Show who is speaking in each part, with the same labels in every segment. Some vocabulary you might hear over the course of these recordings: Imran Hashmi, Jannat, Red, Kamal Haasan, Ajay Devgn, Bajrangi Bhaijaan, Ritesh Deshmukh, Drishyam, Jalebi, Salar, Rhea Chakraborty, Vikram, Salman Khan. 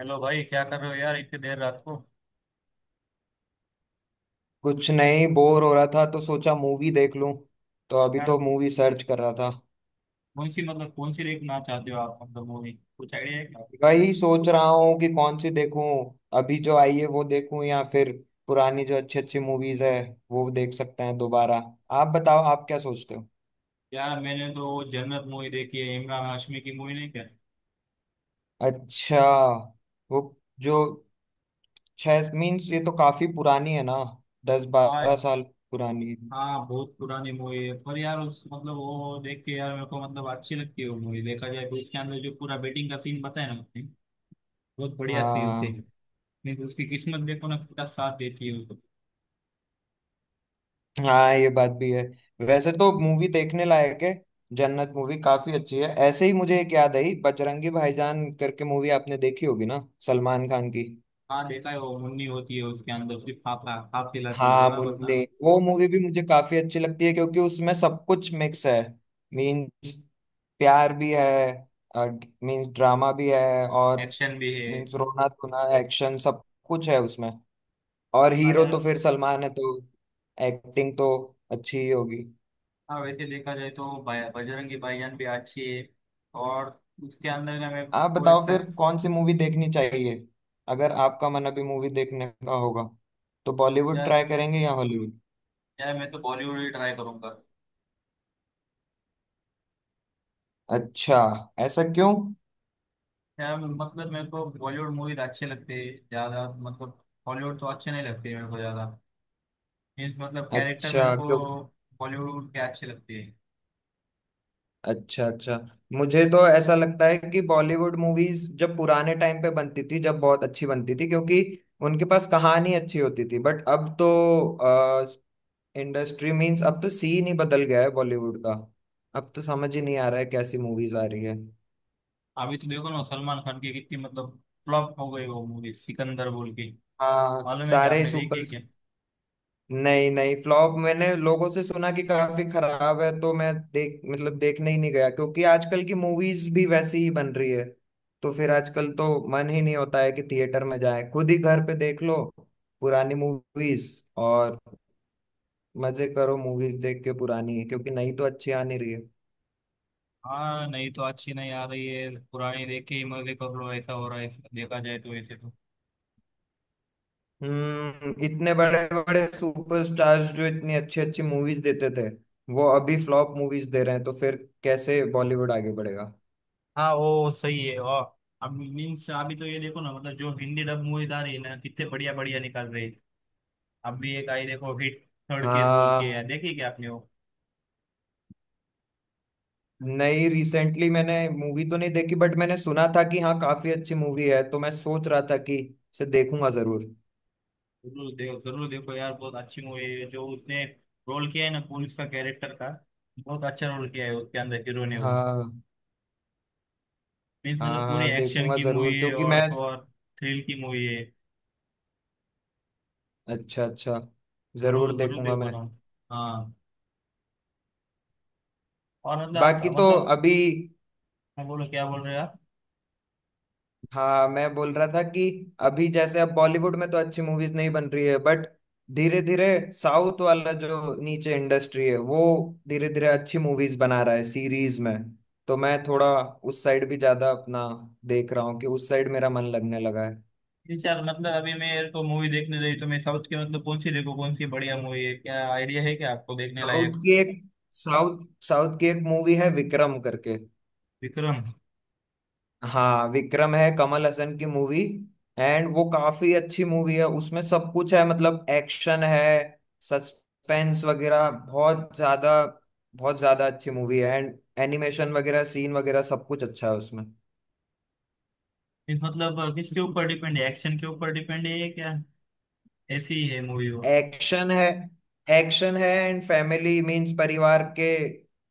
Speaker 1: Hello भाई, क्या कर रहे हो यार, इतनी देर रात को।
Speaker 2: कुछ नहीं, बोर हो रहा था तो सोचा मूवी देख लूं। तो अभी
Speaker 1: यार
Speaker 2: तो मूवी सर्च कर रहा था।
Speaker 1: कौन सी, मतलब कौन सी देखना चाहते हो आप, मतलब मूवी कुछ आइडिया है क्या?
Speaker 2: वही सोच रहा हूँ कि कौन सी देखूं। अभी जो आई है वो देखूं या फिर पुरानी जो अच्छी अच्छी मूवीज है वो देख सकते हैं दोबारा। आप बताओ, आप क्या सोचते हो?
Speaker 1: यार मैंने तो वो जन्नत मूवी देखी है, इमरान हाशमी की, मूवी नहीं क्या?
Speaker 2: अच्छा, वो जो छह मीन्स ये तो काफी पुरानी है ना, दस
Speaker 1: हाँ।
Speaker 2: बारह साल पुरानी है।
Speaker 1: हाँ बहुत पुरानी मूवी है पर यार उस मतलब वो देख के यार मेरे को मतलब अच्छी लगती है वो मूवी। देखा जाए तो उसके अंदर जो पूरा बेटिंग का सीन बताया ना उसने, बहुत बढ़िया सीन थे।
Speaker 2: हाँ,
Speaker 1: नहीं तो उसकी किस्मत देखो ना, पूरा साथ देती है उसको।
Speaker 2: हाँ, ये बात भी है। वैसे तो मूवी देखने लायक है, जन्नत मूवी काफी अच्छी है। ऐसे ही मुझे एक याद आई, बजरंगी भाईजान करके मूवी आपने देखी होगी ना, सलमान खान की।
Speaker 1: हाँ देखा है, वो मुन्नी होती है उसके अंदर, सिर्फ हाथ हाथ हिलाती है
Speaker 2: हाँ,
Speaker 1: बराबर
Speaker 2: मुन्ने।
Speaker 1: ना।
Speaker 2: वो मूवी भी मुझे काफी अच्छी लगती है क्योंकि उसमें सब कुछ मिक्स है। मीन्स प्यार भी है, मीन्स ड्रामा भी है, और
Speaker 1: एक्शन भी है।
Speaker 2: मीन्स रोना धोना एक्शन सब कुछ है उसमें। और
Speaker 1: हाँ
Speaker 2: हीरो तो
Speaker 1: यार।
Speaker 2: फिर सलमान है तो एक्टिंग तो अच्छी ही होगी।
Speaker 1: हाँ वैसे देखा जाए तो बजरंगी भाईजान भी अच्छी है। और उसके अंदर का मेरे
Speaker 2: आप
Speaker 1: को एक
Speaker 2: बताओ
Speaker 1: सब।
Speaker 2: फिर, कौन सी मूवी देखनी चाहिए? अगर आपका मन अभी मूवी देखने का होगा तो बॉलीवुड
Speaker 1: यार
Speaker 2: ट्राई करेंगे या हॉलीवुड?
Speaker 1: यार मैं तो बॉलीवुड ही ट्राई करूंगा।
Speaker 2: अच्छा, ऐसा क्यों?
Speaker 1: यार मतलब मेरे को बॉलीवुड मूवीज अच्छे लगते हैं ज्यादा, मतलब हॉलीवुड तो अच्छे नहीं लगते मेरे को ज्यादा। मीन्स मतलब कैरेक्टर मेरे
Speaker 2: अच्छा,
Speaker 1: को
Speaker 2: क्यों?
Speaker 1: बॉलीवुड के अच्छे लगते हैं।
Speaker 2: अच्छा अच्छा। मुझे तो ऐसा लगता है कि बॉलीवुड मूवीज जब पुराने टाइम पे बनती थी, जब बहुत अच्छी बनती थी, क्योंकि उनके पास कहानी अच्छी होती थी। बट अब तो इंडस्ट्री मींस, अब तो सीन ही बदल गया है बॉलीवुड का। अब तो समझ ही नहीं आ रहा है कैसी मूवीज आ रही है।
Speaker 1: अभी तो देखो ना, सलमान खान की कितनी मतलब फ्लॉप हो गई वो मूवी सिकंदर बोल के।
Speaker 2: हाँ,
Speaker 1: मालूम है क्या,
Speaker 2: सारे
Speaker 1: आपने देखी है
Speaker 2: सुपर।
Speaker 1: क्या?
Speaker 2: नहीं नहीं, फ्लॉप, मैंने लोगों से सुना कि काफी खराब है तो मैं देख मतलब देखने ही नहीं गया, क्योंकि आजकल की मूवीज भी वैसी ही बन रही है। तो फिर आजकल तो मन ही नहीं होता है कि थिएटर में जाए, खुद ही घर पे देख लो पुरानी मूवीज, और मजे करो मूवीज देख के पुरानी, क्योंकि नई तो अच्छी आ नहीं रही है।
Speaker 1: हाँ। नहीं तो अच्छी नहीं आ रही है, पुरानी देख के ही मजे कर लो, ऐसा हो रहा है। देखा जाए तो ऐसे तो।
Speaker 2: इतने बड़े बड़े सुपरस्टार्स जो इतनी अच्छी अच्छी मूवीज देते थे वो अभी फ्लॉप मूवीज दे रहे हैं, तो फिर कैसे बॉलीवुड आगे बढ़ेगा?
Speaker 1: हाँ वो सही है। और अब मीन्स अभी तो ये देखो ना मतलब जो हिंदी डब मूवीज आ रही है ना, कितने बढ़िया बढ़िया निकाल रही है। अभी एक आई देखो, हिट थर्ड केस बोल के, यार
Speaker 2: हाँ,
Speaker 1: देखी क्या आपने वो?
Speaker 2: नहीं, रिसेंटली मैंने मूवी तो नहीं देखी बट मैंने सुना था कि हाँ काफी अच्छी मूवी है, तो मैं सोच रहा था कि इसे देखूंगा जरूर।
Speaker 1: जरूर देखो यार, बहुत अच्छी मूवी है। जो उसने रोल किया है ना पुलिस का कैरेक्टर का, बहुत अच्छा रोल किया है उसके अंदर हीरो ने वो।
Speaker 2: हाँ
Speaker 1: मीन्स
Speaker 2: हाँ
Speaker 1: मतलब पूरी
Speaker 2: हाँ,
Speaker 1: एक्शन
Speaker 2: देखूंगा
Speaker 1: की मूवी
Speaker 2: जरूर
Speaker 1: है,
Speaker 2: क्योंकि मैं,
Speaker 1: और तो और थ्रिल की मूवी है।
Speaker 2: अच्छा अच्छा, जरूर
Speaker 1: जरूर जरूर
Speaker 2: देखूंगा
Speaker 1: देखो
Speaker 2: मैं।
Speaker 1: ना। हाँ। और मतलब आज
Speaker 2: बाकी तो
Speaker 1: मतलब
Speaker 2: अभी,
Speaker 1: मैं बोलो, क्या बोल रहे हो आप?
Speaker 2: हाँ मैं बोल रहा था कि अभी जैसे अब बॉलीवुड में तो अच्छी मूवीज नहीं बन रही है, बट धीरे धीरे साउथ वाला जो नीचे इंडस्ट्री है वो धीरे धीरे अच्छी मूवीज बना रहा है सीरीज में। तो मैं थोड़ा उस साइड भी ज्यादा अपना देख रहा हूँ कि उस साइड मेरा मन लगने लगा है।
Speaker 1: यार मतलब अभी मैं तो मूवी देखने रही तो मैं साउथ की, मतलब कौन सी देखो कौन सी बढ़िया मूवी है, क्या आइडिया है क्या आपको देखने
Speaker 2: साउथ
Speaker 1: लायक?
Speaker 2: की एक साउथ साउथ की एक मूवी है विक्रम करके।
Speaker 1: विक्रम?
Speaker 2: हाँ, विक्रम है, कमल हसन की मूवी। एंड वो काफी अच्छी मूवी है, उसमें सब कुछ है, मतलब एक्शन है, सस्पेंस वगैरह बहुत ज्यादा, बहुत ज्यादा अच्छी मूवी है। एंड एनिमेशन वगैरह, सीन वगैरह सब कुछ अच्छा है उसमें।
Speaker 1: इस मतलब किसके ऊपर डिपेंड है, एक्शन के ऊपर डिपेंड है क्या? ऐसी ही है मूवी वो?
Speaker 2: एक्शन है, एक्शन है एंड फैमिली मीन्स परिवार के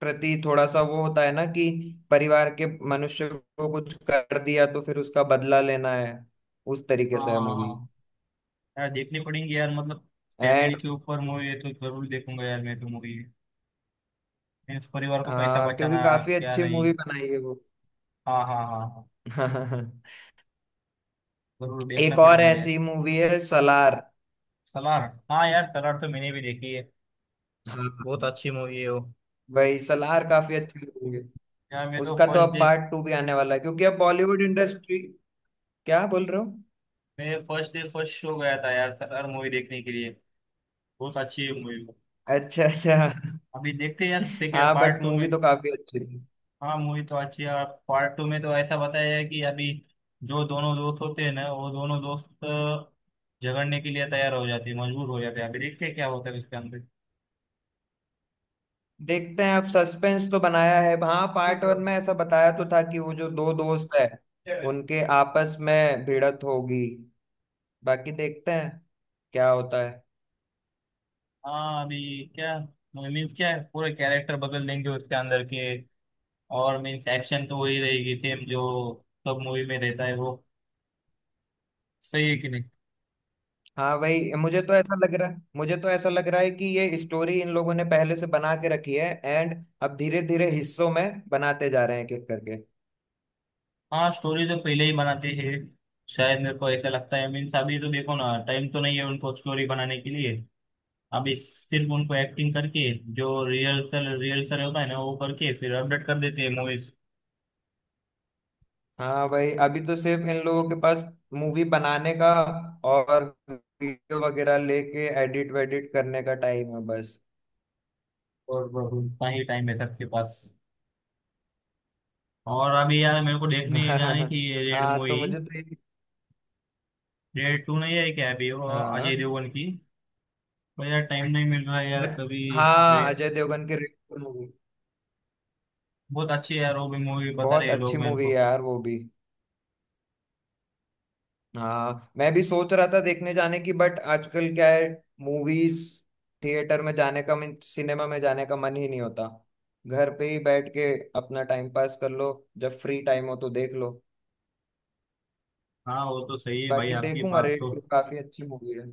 Speaker 2: प्रति थोड़ा सा वो होता है ना कि परिवार के मनुष्य को कुछ कर दिया तो फिर उसका बदला लेना है। उस तरीके
Speaker 1: हाँ
Speaker 2: से है
Speaker 1: हाँ
Speaker 2: मूवी।
Speaker 1: हाँ। यार देखनी पड़ेंगी यार, मतलब फैमिली
Speaker 2: एंड
Speaker 1: के ऊपर मूवी है तो जरूर देखूंगा यार मैं तो मूवी। मीन्स परिवार को कैसा
Speaker 2: हाँ, क्योंकि
Speaker 1: बचाना।
Speaker 2: काफी
Speaker 1: क्या
Speaker 2: अच्छी
Speaker 1: नहीं।
Speaker 2: मूवी बनाई है वो।
Speaker 1: हाँ हाँ हाँ हाँ। जरूर देखना
Speaker 2: एक और
Speaker 1: पड़ेगा यार।
Speaker 2: ऐसी मूवी है, सलार।
Speaker 1: सलार। हाँ यार सलार तो मैंने भी देखी है,
Speaker 2: हाँ,
Speaker 1: बहुत अच्छी मूवी है वो।
Speaker 2: वही सलार काफी अच्छी मूवी है।
Speaker 1: यार मैं तो
Speaker 2: उसका तो
Speaker 1: फर्स्ट
Speaker 2: अब
Speaker 1: डे,
Speaker 2: पार्ट टू भी आने वाला है, क्योंकि अब बॉलीवुड इंडस्ट्री, क्या बोल रहे हो?
Speaker 1: मैं फर्स्ट डे फर्स्ट शो गया था यार सरदार मूवी देखने के लिए। बहुत अच्छी है मूवी।
Speaker 2: अच्छा अच्छा।
Speaker 1: अभी देखते हैं यार सेकेंड
Speaker 2: हाँ,
Speaker 1: पार्ट
Speaker 2: बट
Speaker 1: टू में।
Speaker 2: मूवी तो काफी अच्छी थी।
Speaker 1: हाँ मूवी तो अच्छी है और पार्ट टू में तो ऐसा बताया है कि अभी जो दोनों दोस्त होते हैं ना, वो दोनों दोस्त झगड़ने के लिए तैयार हो जाते हैं, मजबूर हो जाते हैं। अभी देखते हैं क्या होता है इसके अंदर।
Speaker 2: देखते हैं अब, सस्पेंस तो बनाया है। हाँ,
Speaker 1: ठीक
Speaker 2: पार्ट वन में ऐसा बताया तो था कि वो जो दो दोस्त है
Speaker 1: है।
Speaker 2: उनके आपस में भिड़त होगी। बाकी देखते हैं क्या होता है।
Speaker 1: हाँ अभी क्या मीन्स क्या है, पूरे कैरेक्टर बदल देंगे उसके अंदर के। और मीन्स एक्शन तो वही रहेगी सेम, जो सब मूवी में रहता है वो। सही है कि नहीं?
Speaker 2: हाँ भाई, मुझे तो ऐसा लग रहा है, मुझे तो ऐसा लग रहा है कि ये स्टोरी इन लोगों ने पहले से बना के रखी है, एंड अब धीरे धीरे हिस्सों में बनाते जा रहे हैं एक एक करके।
Speaker 1: हाँ स्टोरी तो पहले ही बनाते हैं शायद, मेरे को ऐसा लगता है। मीन्स अभी तो देखो ना, टाइम तो नहीं है उनको स्टोरी बनाने के लिए। अभी सिर्फ उनको एक्टिंग करके, जो रिहर्सल रिहर्सल होता है ना वो करके फिर अपडेट कर देते हैं मूवीज।
Speaker 2: हाँ भाई, अभी तो सिर्फ इन लोगों के पास मूवी बनाने का और वीडियो वगैरह लेके एडिट वेडिट करने का टाइम है बस।
Speaker 1: और बस उतना ही टाइम है सबके पास। और अभी यार मेरे को देखने जानी थी रेड
Speaker 2: हाँ, तो
Speaker 1: मूवी।
Speaker 2: मुझे तो ये,
Speaker 1: रेड टू नहीं है क्या अभी वो,
Speaker 2: हाँ,
Speaker 1: अजय देवगन की? पर यार टाइम नहीं मिल रहा है यार कभी।
Speaker 2: हाँ
Speaker 1: ये-
Speaker 2: अजय देवगन की रेड मूवी,
Speaker 1: बहुत अच्छी है यार वो भी मूवी, बता रहे
Speaker 2: बहुत
Speaker 1: हैं
Speaker 2: अच्छी
Speaker 1: लोग मेरे
Speaker 2: मूवी है
Speaker 1: को।
Speaker 2: यार वो भी। हाँ मैं भी सोच रहा था देखने जाने की, बट आजकल क्या है, मूवीज थिएटर में जाने का मन, सिनेमा में जाने का मन ही नहीं होता, घर पे ही बैठ के अपना टाइम पास कर लो, जब फ्री टाइम हो तो देख लो।
Speaker 1: हाँ वो तो सही है भाई
Speaker 2: बाकी
Speaker 1: आपकी
Speaker 2: देखूंगा,
Speaker 1: बात
Speaker 2: रेड
Speaker 1: तो।
Speaker 2: टू काफी अच्छी मूवी है।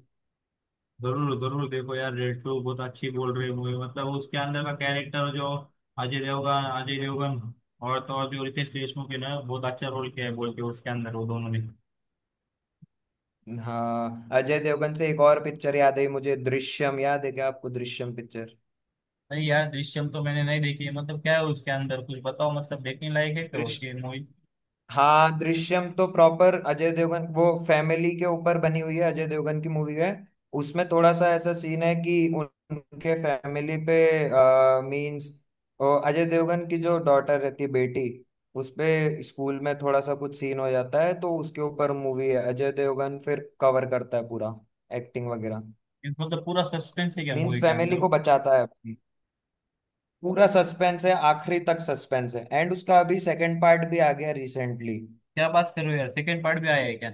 Speaker 1: जरूर जरूर देखो यार, रेड टू बहुत अच्छी बोल रही मूवी, मतलब उसके अंदर का कैरेक्टर जो अजय देवगन, और तो और जो रितेश देशमुख है ना, बहुत अच्छा रोल किया है बोल के उसके अंदर वो दोनों ने।
Speaker 2: हाँ, अजय देवगन से एक और पिक्चर याद है मुझे, दृश्यम, याद है क्या आपको दृश्यम
Speaker 1: नहीं यार दृश्यम तो मैंने नहीं देखी है, मतलब क्या है उसके अंदर कुछ बताओ, मतलब देखने लायक है क्या उसकी
Speaker 2: पिक्चर?
Speaker 1: मूवी?
Speaker 2: हाँ, दृश्यम तो प्रॉपर अजय देवगन, वो फैमिली के ऊपर बनी हुई है, अजय देवगन की मूवी है। उसमें थोड़ा सा ऐसा सीन है कि उनके फैमिली पे मींस अजय देवगन की जो डॉटर रहती है, बेटी, उस पे स्कूल में थोड़ा सा कुछ सीन हो जाता है तो उसके ऊपर मूवी है। अजय देवगन फिर कवर करता है पूरा, एक्टिंग वगैरह,
Speaker 1: मतलब पूरा सस्पेंस है क्या
Speaker 2: मींस
Speaker 1: मूवी के
Speaker 2: फैमिली
Speaker 1: अंदर?
Speaker 2: को बचाता है अपनी। पूरा सस्पेंस है, आखिरी तक सस्पेंस है, एंड उसका अभी सेकंड पार्ट भी आ गया रिसेंटली।
Speaker 1: क्या बात कर रहे हो यार, सेकंड पार्ट भी आया है क्या?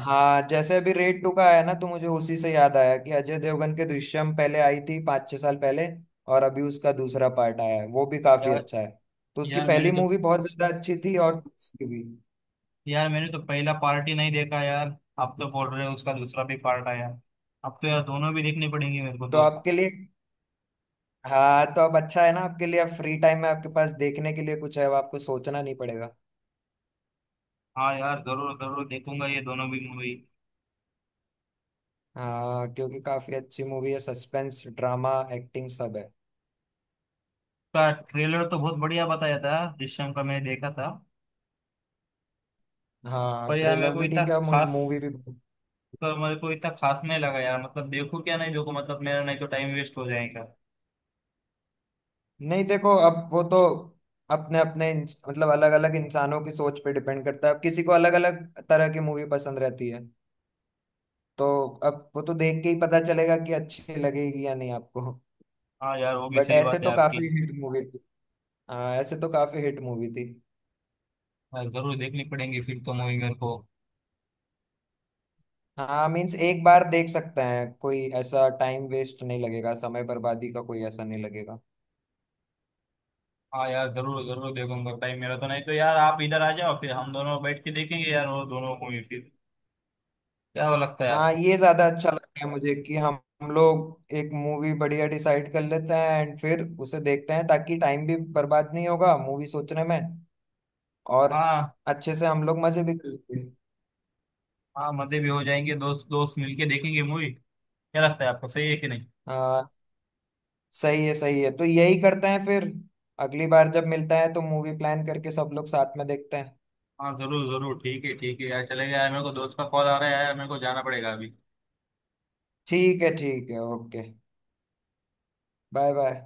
Speaker 2: हाँ, जैसे अभी रेड टू का आया ना, तो मुझे उसी से याद आया कि अजय देवगन के दृश्यम पहले आई थी 5-6 साल पहले, और अभी उसका दूसरा पार्ट आया है, वो भी काफी
Speaker 1: यार
Speaker 2: अच्छा है। तो उसकी
Speaker 1: यार
Speaker 2: पहली
Speaker 1: मैंने तो
Speaker 2: मूवी बहुत ज्यादा अच्छी थी और दूसरी भी।
Speaker 1: यार मैंने तो पहला पार्ट ही नहीं देखा यार, आप तो बोल रहे हो उसका दूसरा भी पार्ट आया। अब तो यार दोनों भी देखने पड़ेंगे मेरे को
Speaker 2: तो
Speaker 1: तो।
Speaker 2: आपके लिए, हाँ, तो अब अच्छा है ना, आपके लिए फ्री टाइम में आपके पास देखने के लिए कुछ है, अब आपको सोचना नहीं पड़ेगा।
Speaker 1: हाँ यार जरूर जरूर देखूंगा ये दोनों भी मूवी
Speaker 2: हाँ क्योंकि काफी अच्छी मूवी है, सस्पेंस, ड्रामा, एक्टिंग, सब है।
Speaker 1: का ट्रेलर तो बहुत बढ़िया बताया था जिस टाइम पर मैंने देखा था।
Speaker 2: हाँ,
Speaker 1: पर यार मेरे
Speaker 2: ट्रेलर
Speaker 1: को
Speaker 2: भी
Speaker 1: इतना
Speaker 2: ठीक है,
Speaker 1: खास,
Speaker 2: मूवी भी।
Speaker 1: पर मेरे को इतना खास नहीं लगा यार, मतलब देखो क्या नहीं देखो, मतलब मेरा नहीं तो टाइम वेस्ट हो जाएगा।
Speaker 2: नहीं देखो, अब वो तो अपने अपने मतलब अलग अलग इंसानों की सोच पे डिपेंड करता है, अब किसी को अलग अलग तरह की मूवी पसंद रहती है, तो अब वो तो देख के ही पता चलेगा कि अच्छी लगेगी या नहीं आपको।
Speaker 1: हाँ यार वो भी
Speaker 2: बट
Speaker 1: सही
Speaker 2: ऐसे
Speaker 1: बात है
Speaker 2: तो
Speaker 1: आपकी।
Speaker 2: काफी हिट मूवी थी। हाँ, ऐसे तो काफी हिट मूवी थी।
Speaker 1: यार जरूर देखनी पड़ेगी फिर तो मूवी मेरे को।
Speaker 2: हाँ मीन्स एक बार देख सकते हैं, कोई ऐसा टाइम वेस्ट नहीं लगेगा, समय बर्बादी का कोई ऐसा नहीं लगेगा।
Speaker 1: हाँ यार जरूर जरूर देखूंगा टाइम मेरा, तो नहीं तो यार आप इधर आ जाओ फिर हम दोनों बैठ के देखेंगे यार वो दोनों मूवी फिर। क्या वो लगता है
Speaker 2: हाँ,
Speaker 1: आपको?
Speaker 2: ये ज्यादा अच्छा लगता है मुझे कि हम लोग एक मूवी बढ़िया डिसाइड कर लेते हैं एंड फिर उसे देखते हैं, ताकि टाइम भी बर्बाद नहीं होगा मूवी सोचने में, और
Speaker 1: हाँ।
Speaker 2: अच्छे से हम लोग मजे भी कर लेंगे।
Speaker 1: हाँ मजे भी हो जाएंगे, दोस्त दोस्त मिलके देखेंगे मूवी। क्या लगता है आपको, सही है कि नहीं?
Speaker 2: हाँ, सही है सही है, तो यही करते हैं फिर। अगली बार जब मिलता है तो मूवी प्लान करके सब लोग साथ में देखते हैं।
Speaker 1: हाँ जरूर जरूर, ठीक है यार, चलेगा यार। मेरे को दोस्त का कॉल आ रहा है यार, मेरे को जाना पड़ेगा अभी।
Speaker 2: ठीक है ठीक है, ओके। Bye bye.